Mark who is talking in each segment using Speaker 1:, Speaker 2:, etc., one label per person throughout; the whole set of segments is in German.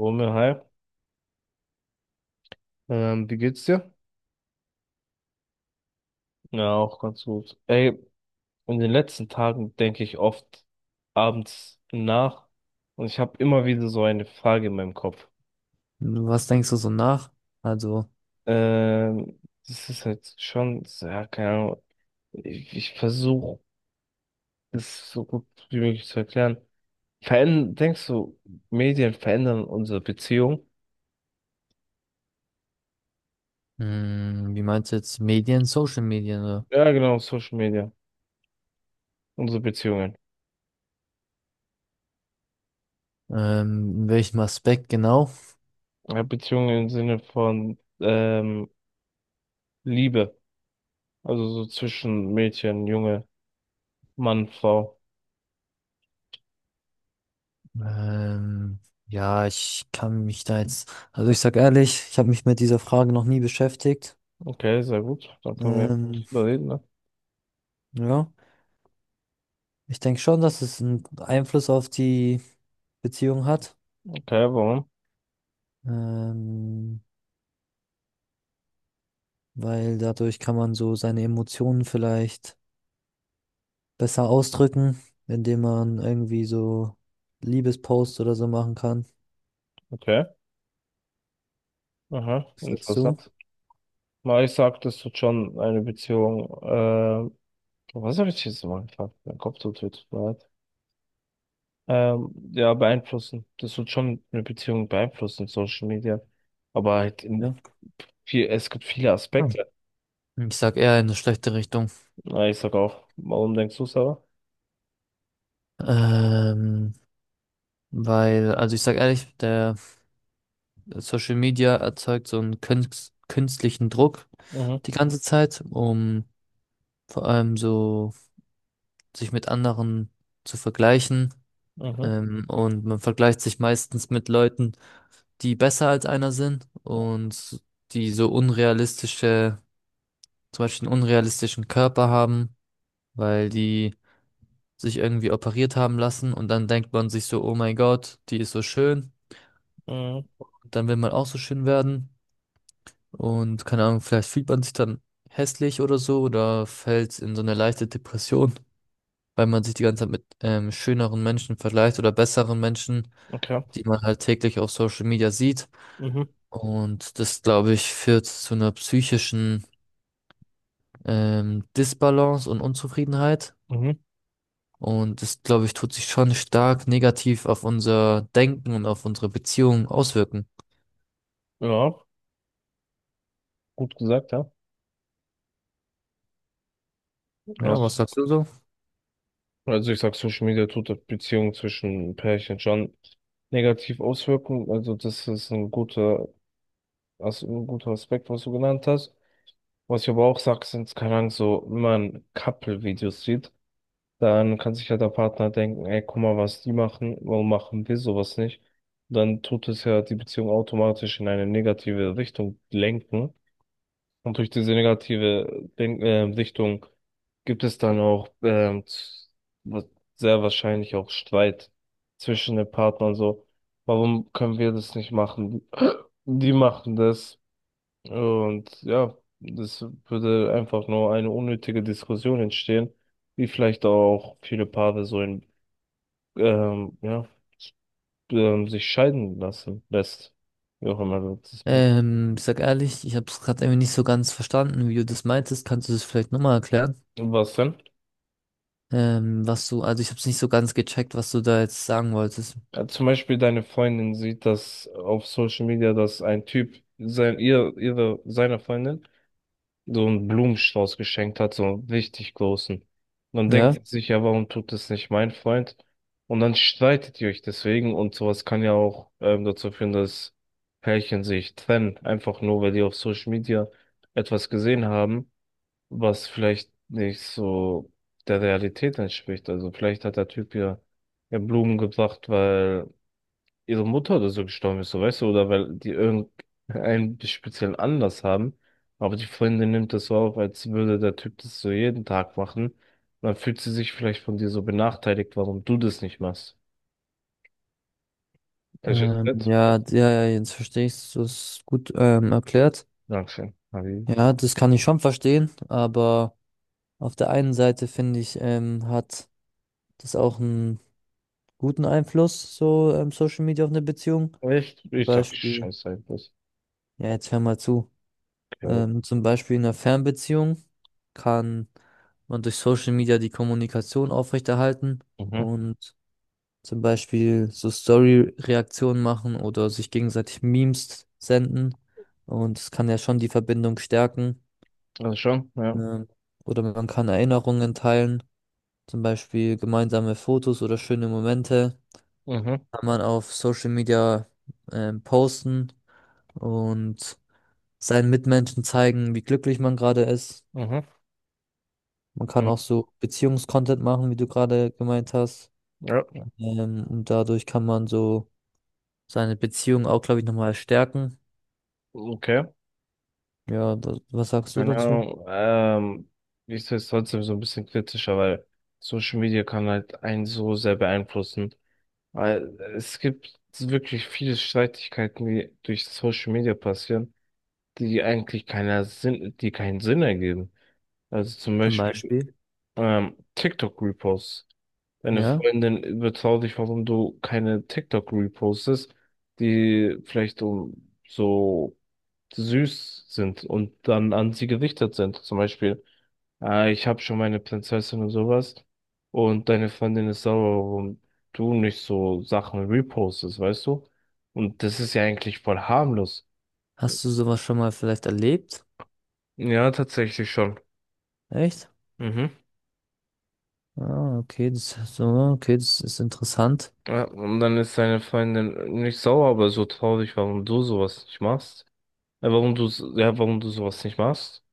Speaker 1: Romeo, hi. Wie geht's dir? Ja, auch ganz gut. Ey, in den letzten Tagen denke ich oft abends nach und ich habe immer wieder so eine Frage in meinem Kopf.
Speaker 2: Was denkst du so nach? Also,
Speaker 1: Ähm, Das ist halt schon, so, ja, keine Ahnung. Ich versuche, das so gut wie möglich zu erklären. Verändern, denkst du, Medien verändern unsere Beziehung?
Speaker 2: mh, wie meinst du jetzt Medien, Social Medien oder?
Speaker 1: Ja, genau, Social Media, unsere Beziehungen.
Speaker 2: In welchem Aspekt genau?
Speaker 1: Ja, Beziehungen im Sinne von Liebe. Also so zwischen Mädchen, Junge, Mann, Frau.
Speaker 2: Ähm, ja, ich kann mich da jetzt, also ich sag ehrlich, ich habe mich mit dieser Frage noch nie beschäftigt.
Speaker 1: Okay, sehr gut. Dann können wir
Speaker 2: Ähm,
Speaker 1: drüber reden, ne?
Speaker 2: ja, ich denke schon, dass es einen Einfluss auf die Beziehung hat,
Speaker 1: Okay, warum?
Speaker 2: ähm, weil dadurch kann man so seine Emotionen vielleicht besser ausdrücken, indem man irgendwie so Liebesposts oder so machen kann.
Speaker 1: Okay. Aha,
Speaker 2: Was sagst du?
Speaker 1: interessant. Na, ich sag, das tut schon eine Beziehung. Was habe ich jetzt mal gefragt? Mein Kopf tut weh, tut mir leid. Ja, beeinflussen. Das tut schon eine Beziehung beeinflussen, Social Media. Aber halt in
Speaker 2: Ja.
Speaker 1: viel, es gibt viele
Speaker 2: Hm.
Speaker 1: Aspekte.
Speaker 2: Ich sag eher in eine schlechte Richtung.
Speaker 1: Na, ich sag auch, warum denkst du, Sarah?
Speaker 2: Ähm, Weil, also ich sag ehrlich, der Social Media erzeugt so einen künstlichen Druck
Speaker 1: Mhm,
Speaker 2: die ganze Zeit, um vor allem so sich mit anderen zu vergleichen.
Speaker 1: mhm,
Speaker 2: Und man vergleicht sich meistens mit Leuten, die besser als einer sind und die so unrealistische, zum Beispiel einen unrealistischen Körper haben, weil die sich irgendwie operiert haben lassen und dann denkt man sich so, oh mein Gott, die ist so schön,
Speaker 1: mhm,
Speaker 2: dann will man auch so schön werden und keine Ahnung, vielleicht fühlt man sich dann hässlich oder so oder fällt in so eine leichte Depression, weil man sich die ganze Zeit mit schöneren Menschen vergleicht oder besseren Menschen,
Speaker 1: okay.
Speaker 2: die man halt täglich auf Social Media sieht.
Speaker 1: Mhm,
Speaker 2: Und das, glaube ich, führt zu einer psychischen Disbalance und Unzufriedenheit.
Speaker 1: mhm,
Speaker 2: Und das, glaube ich, tut sich schon stark negativ auf unser Denken und auf unsere Beziehung auswirken.
Speaker 1: ja, gut gesagt, ja.
Speaker 2: Ja,
Speaker 1: Also,
Speaker 2: was sagst du so?
Speaker 1: also ich sag, Social Media tut der Beziehung zwischen Pärchen schon negativ auswirken. Also das ist ein guter, also ein guter Aspekt, was du genannt hast. Was ich aber auch sag, sind, keine Ahnung, so, wenn man Couple-Videos sieht, dann kann sich ja der Partner denken, ey, guck mal, was die machen, warum machen wir sowas nicht? Dann tut es ja die Beziehung automatisch in eine negative Richtung lenken. Und durch diese negative Denk Sichtung gibt es dann auch wa- sehr wahrscheinlich auch Streit zwischen den Partnern so. Warum können wir das nicht machen? Die machen das. Und ja, das würde einfach nur eine unnötige Diskussion entstehen, die vielleicht auch viele Paare ähm, ja, sich scheiden lassen lässt. Wie auch immer das ist.
Speaker 2: Ich sag ehrlich, ich habe es gerade irgendwie nicht so ganz verstanden, wie du das meintest. Kannst du das vielleicht nochmal erklären?
Speaker 1: Was denn?
Speaker 2: Was du, also ich habe es nicht so ganz gecheckt, was du da jetzt sagen wolltest.
Speaker 1: Zum Beispiel deine Freundin sieht das auf Social Media, dass ein Typ ihre, seiner Freundin so einen Blumenstrauß geschenkt hat, so einen richtig großen. Und dann denkt
Speaker 2: Ja,
Speaker 1: sie sich, ja, warum tut das nicht mein Freund? Und dann streitet ihr euch deswegen und sowas kann ja auch dazu führen, dass Pärchen sich trennen, einfach nur, weil die auf Social Media etwas gesehen haben, was vielleicht nicht so der Realität entspricht. Also vielleicht hat der Typ ihr ja Blumen gebracht, weil ihre Mutter oder so gestorben ist, so weißt du, oder weil die irgendeinen speziellen Anlass haben. Aber die Freundin nimmt das so auf, als würde der Typ das so jeden Tag machen. Und dann fühlt sie sich vielleicht von dir so benachteiligt, warum du das nicht machst. Verstehst du das?
Speaker 2: ja, jetzt verstehe ich du es gut, erklärt.
Speaker 1: Dankeschön. Harry.
Speaker 2: Ja, das kann ich schon verstehen, aber auf der einen Seite finde ich, hat das auch einen guten Einfluss, so, Social Media auf eine Beziehung.
Speaker 1: Echt?
Speaker 2: Zum
Speaker 1: Ich sag
Speaker 2: Beispiel,
Speaker 1: Scheiße einfach.
Speaker 2: ja, jetzt hör mal zu.
Speaker 1: Okay.
Speaker 2: Zum Beispiel in einer Fernbeziehung kann man durch Social Media die Kommunikation aufrechterhalten
Speaker 1: Mhm.
Speaker 2: und zum Beispiel so Story-Reaktionen machen oder sich gegenseitig Memes senden. Und es kann ja schon die Verbindung stärken.
Speaker 1: Also schon, ja.
Speaker 2: Ähm, oder man kann Erinnerungen teilen, zum Beispiel gemeinsame Fotos oder schöne Momente.
Speaker 1: Mhm.
Speaker 2: Kann man auf Social Media posten und seinen Mitmenschen zeigen, wie glücklich man gerade ist.
Speaker 1: Mhm.
Speaker 2: Man kann auch
Speaker 1: Mhm.
Speaker 2: so Beziehungscontent machen, wie du gerade gemeint hast.
Speaker 1: Ja.
Speaker 2: Und dadurch kann man so seine Beziehung auch, glaube ich, nochmal stärken.
Speaker 1: Okay.
Speaker 2: Ja, was sagst du dazu?
Speaker 1: Genau. Ich sehe es trotzdem so ein bisschen kritischer, weil Social Media kann halt einen so sehr beeinflussen. Weil es gibt so wirklich viele Streitigkeiten, die durch Social Media passieren, die eigentlich die keinen Sinn ergeben. Also zum
Speaker 2: Zum
Speaker 1: Beispiel
Speaker 2: Beispiel.
Speaker 1: TikTok-Reposts. Deine
Speaker 2: Ja.
Speaker 1: Freundin überzeugt dich, warum du keine TikTok repostest, die vielleicht um so süß sind und dann an sie gerichtet sind. Zum Beispiel, ich habe schon meine Prinzessin und sowas und deine Freundin ist sauer, warum du nicht so Sachen repostest, weißt du? Und das ist ja eigentlich voll harmlos.
Speaker 2: Hast du sowas schon mal vielleicht erlebt?
Speaker 1: Ja, tatsächlich schon.
Speaker 2: Echt?
Speaker 1: Mhm.
Speaker 2: Ah, okay, das so, okay, das ist interessant.
Speaker 1: Ja, und dann ist deine Freundin nicht sauer, aber so traurig, warum du sowas nicht machst. Ja, warum du sowas nicht machst.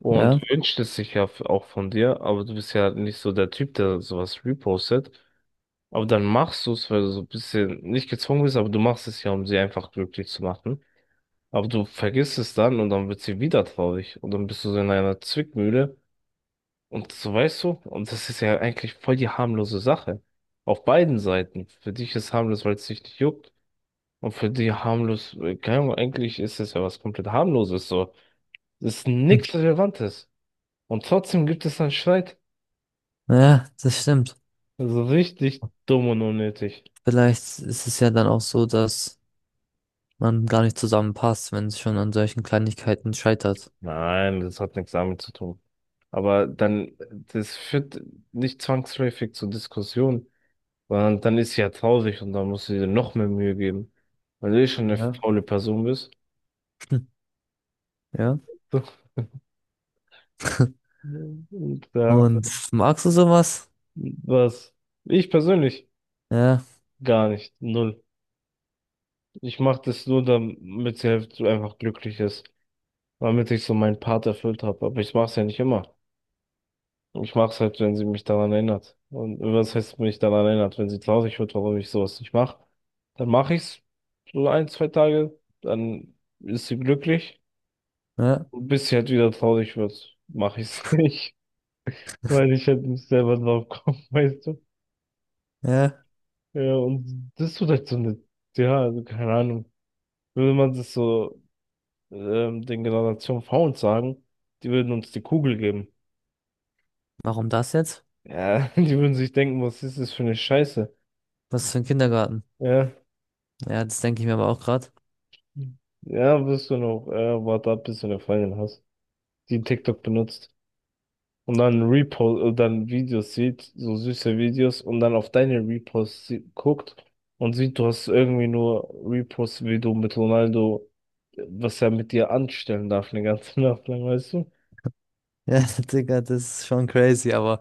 Speaker 1: Und
Speaker 2: Ja.
Speaker 1: wünscht es sich ja auch von dir, aber du bist ja nicht so der Typ, der sowas repostet. Aber dann machst du es, weil du so ein bisschen nicht gezwungen bist, aber du machst es ja, um sie einfach glücklich zu machen. Aber du vergisst es dann und dann wird sie wieder traurig. Und dann bist du so in einer Zwickmühle. Und so weißt du, und das ist ja eigentlich voll die harmlose Sache. Auf beiden Seiten. Für dich ist harmlos, weil es dich nicht juckt. Und für die harmlos, keine Ahnung, eigentlich ist es ja was komplett harmloses so. Das ist
Speaker 2: Hm.
Speaker 1: nichts Relevantes. Und trotzdem gibt es einen Streit.
Speaker 2: Ja, das stimmt.
Speaker 1: Also richtig dumm und unnötig.
Speaker 2: Vielleicht ist es ja dann auch so, dass man gar nicht zusammenpasst, wenn es schon an solchen Kleinigkeiten scheitert.
Speaker 1: Nein, das hat nichts damit zu tun. Aber dann, das führt nicht zwangsläufig zur Diskussion, sondern dann ist sie ja traurig und dann musst du dir noch mehr Mühe geben, weil du eh schon eine
Speaker 2: Ja,
Speaker 1: faule Person bist.
Speaker 2: ja.
Speaker 1: Und ja,
Speaker 2: Und magst du sowas?
Speaker 1: was? Ich persönlich
Speaker 2: Ja,
Speaker 1: gar nicht, null. Ich mache das nur, damit sie halt so einfach glücklich ist, damit ich so meinen Part erfüllt habe. Aber ich mache es ja nicht immer. Ich mache es halt, wenn sie mich daran erinnert. Und was heißt mich daran erinnert? Wenn sie traurig wird, warum ich sowas nicht mache, dann mache ich's so ein, zwei Tage, dann ist sie glücklich.
Speaker 2: ja,
Speaker 1: Und bis sie halt wieder traurig wird, mache ich's nicht, weil ich halt nicht selber drauf komme, weißt du?
Speaker 2: ja.
Speaker 1: Ja, und das tut halt so eine, ja, also keine Ahnung. Würde man das so den Generation V uns sagen, die würden uns die Kugel geben.
Speaker 2: Warum das jetzt?
Speaker 1: Ja, die würden sich denken, was ist das für eine Scheiße?
Speaker 2: Was ist für ein Kindergarten?
Speaker 1: Ja.
Speaker 2: Ja, das denke ich mir aber auch gerade.
Speaker 1: Ja, wirst du noch, warte ab, bis du eine Freundin hast, die TikTok benutzt und dann dann Videos sieht, so süße Videos und dann auf deine Reposts guckt und sieht, du hast irgendwie nur Reposts, wie du mit Ronaldo, was er mit dir anstellen darf, eine ganze Nacht lang, weißt du?
Speaker 2: Ja, Digga, das ist schon crazy, aber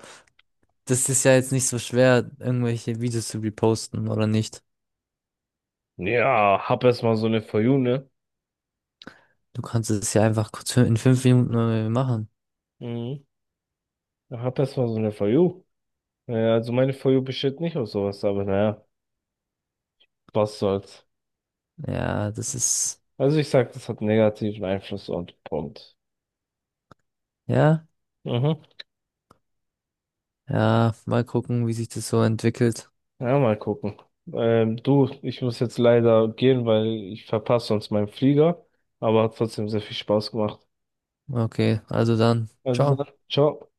Speaker 2: das ist ja jetzt nicht so schwer, irgendwelche Videos zu reposten oder nicht.
Speaker 1: Ja, hab erst mal so eine For You, ne?
Speaker 2: Du kannst es ja einfach kurz in 5 Minuten mal machen.
Speaker 1: Mhm. Hab erst mal so eine For You. Ja, also meine For You besteht nicht aus sowas, aber naja, was soll's.
Speaker 2: Ja, das ist,
Speaker 1: Also ich sag, das hat negativen Einfluss und Punkt.
Speaker 2: ja,
Speaker 1: Mhm.
Speaker 2: ja, mal gucken, wie sich das so entwickelt.
Speaker 1: Ja, mal gucken. Du, ich muss jetzt leider gehen, weil ich verpasse sonst meinen Flieger, aber hat trotzdem sehr viel Spaß gemacht.
Speaker 2: Okay, also dann,
Speaker 1: Also
Speaker 2: ciao.
Speaker 1: dann, ciao.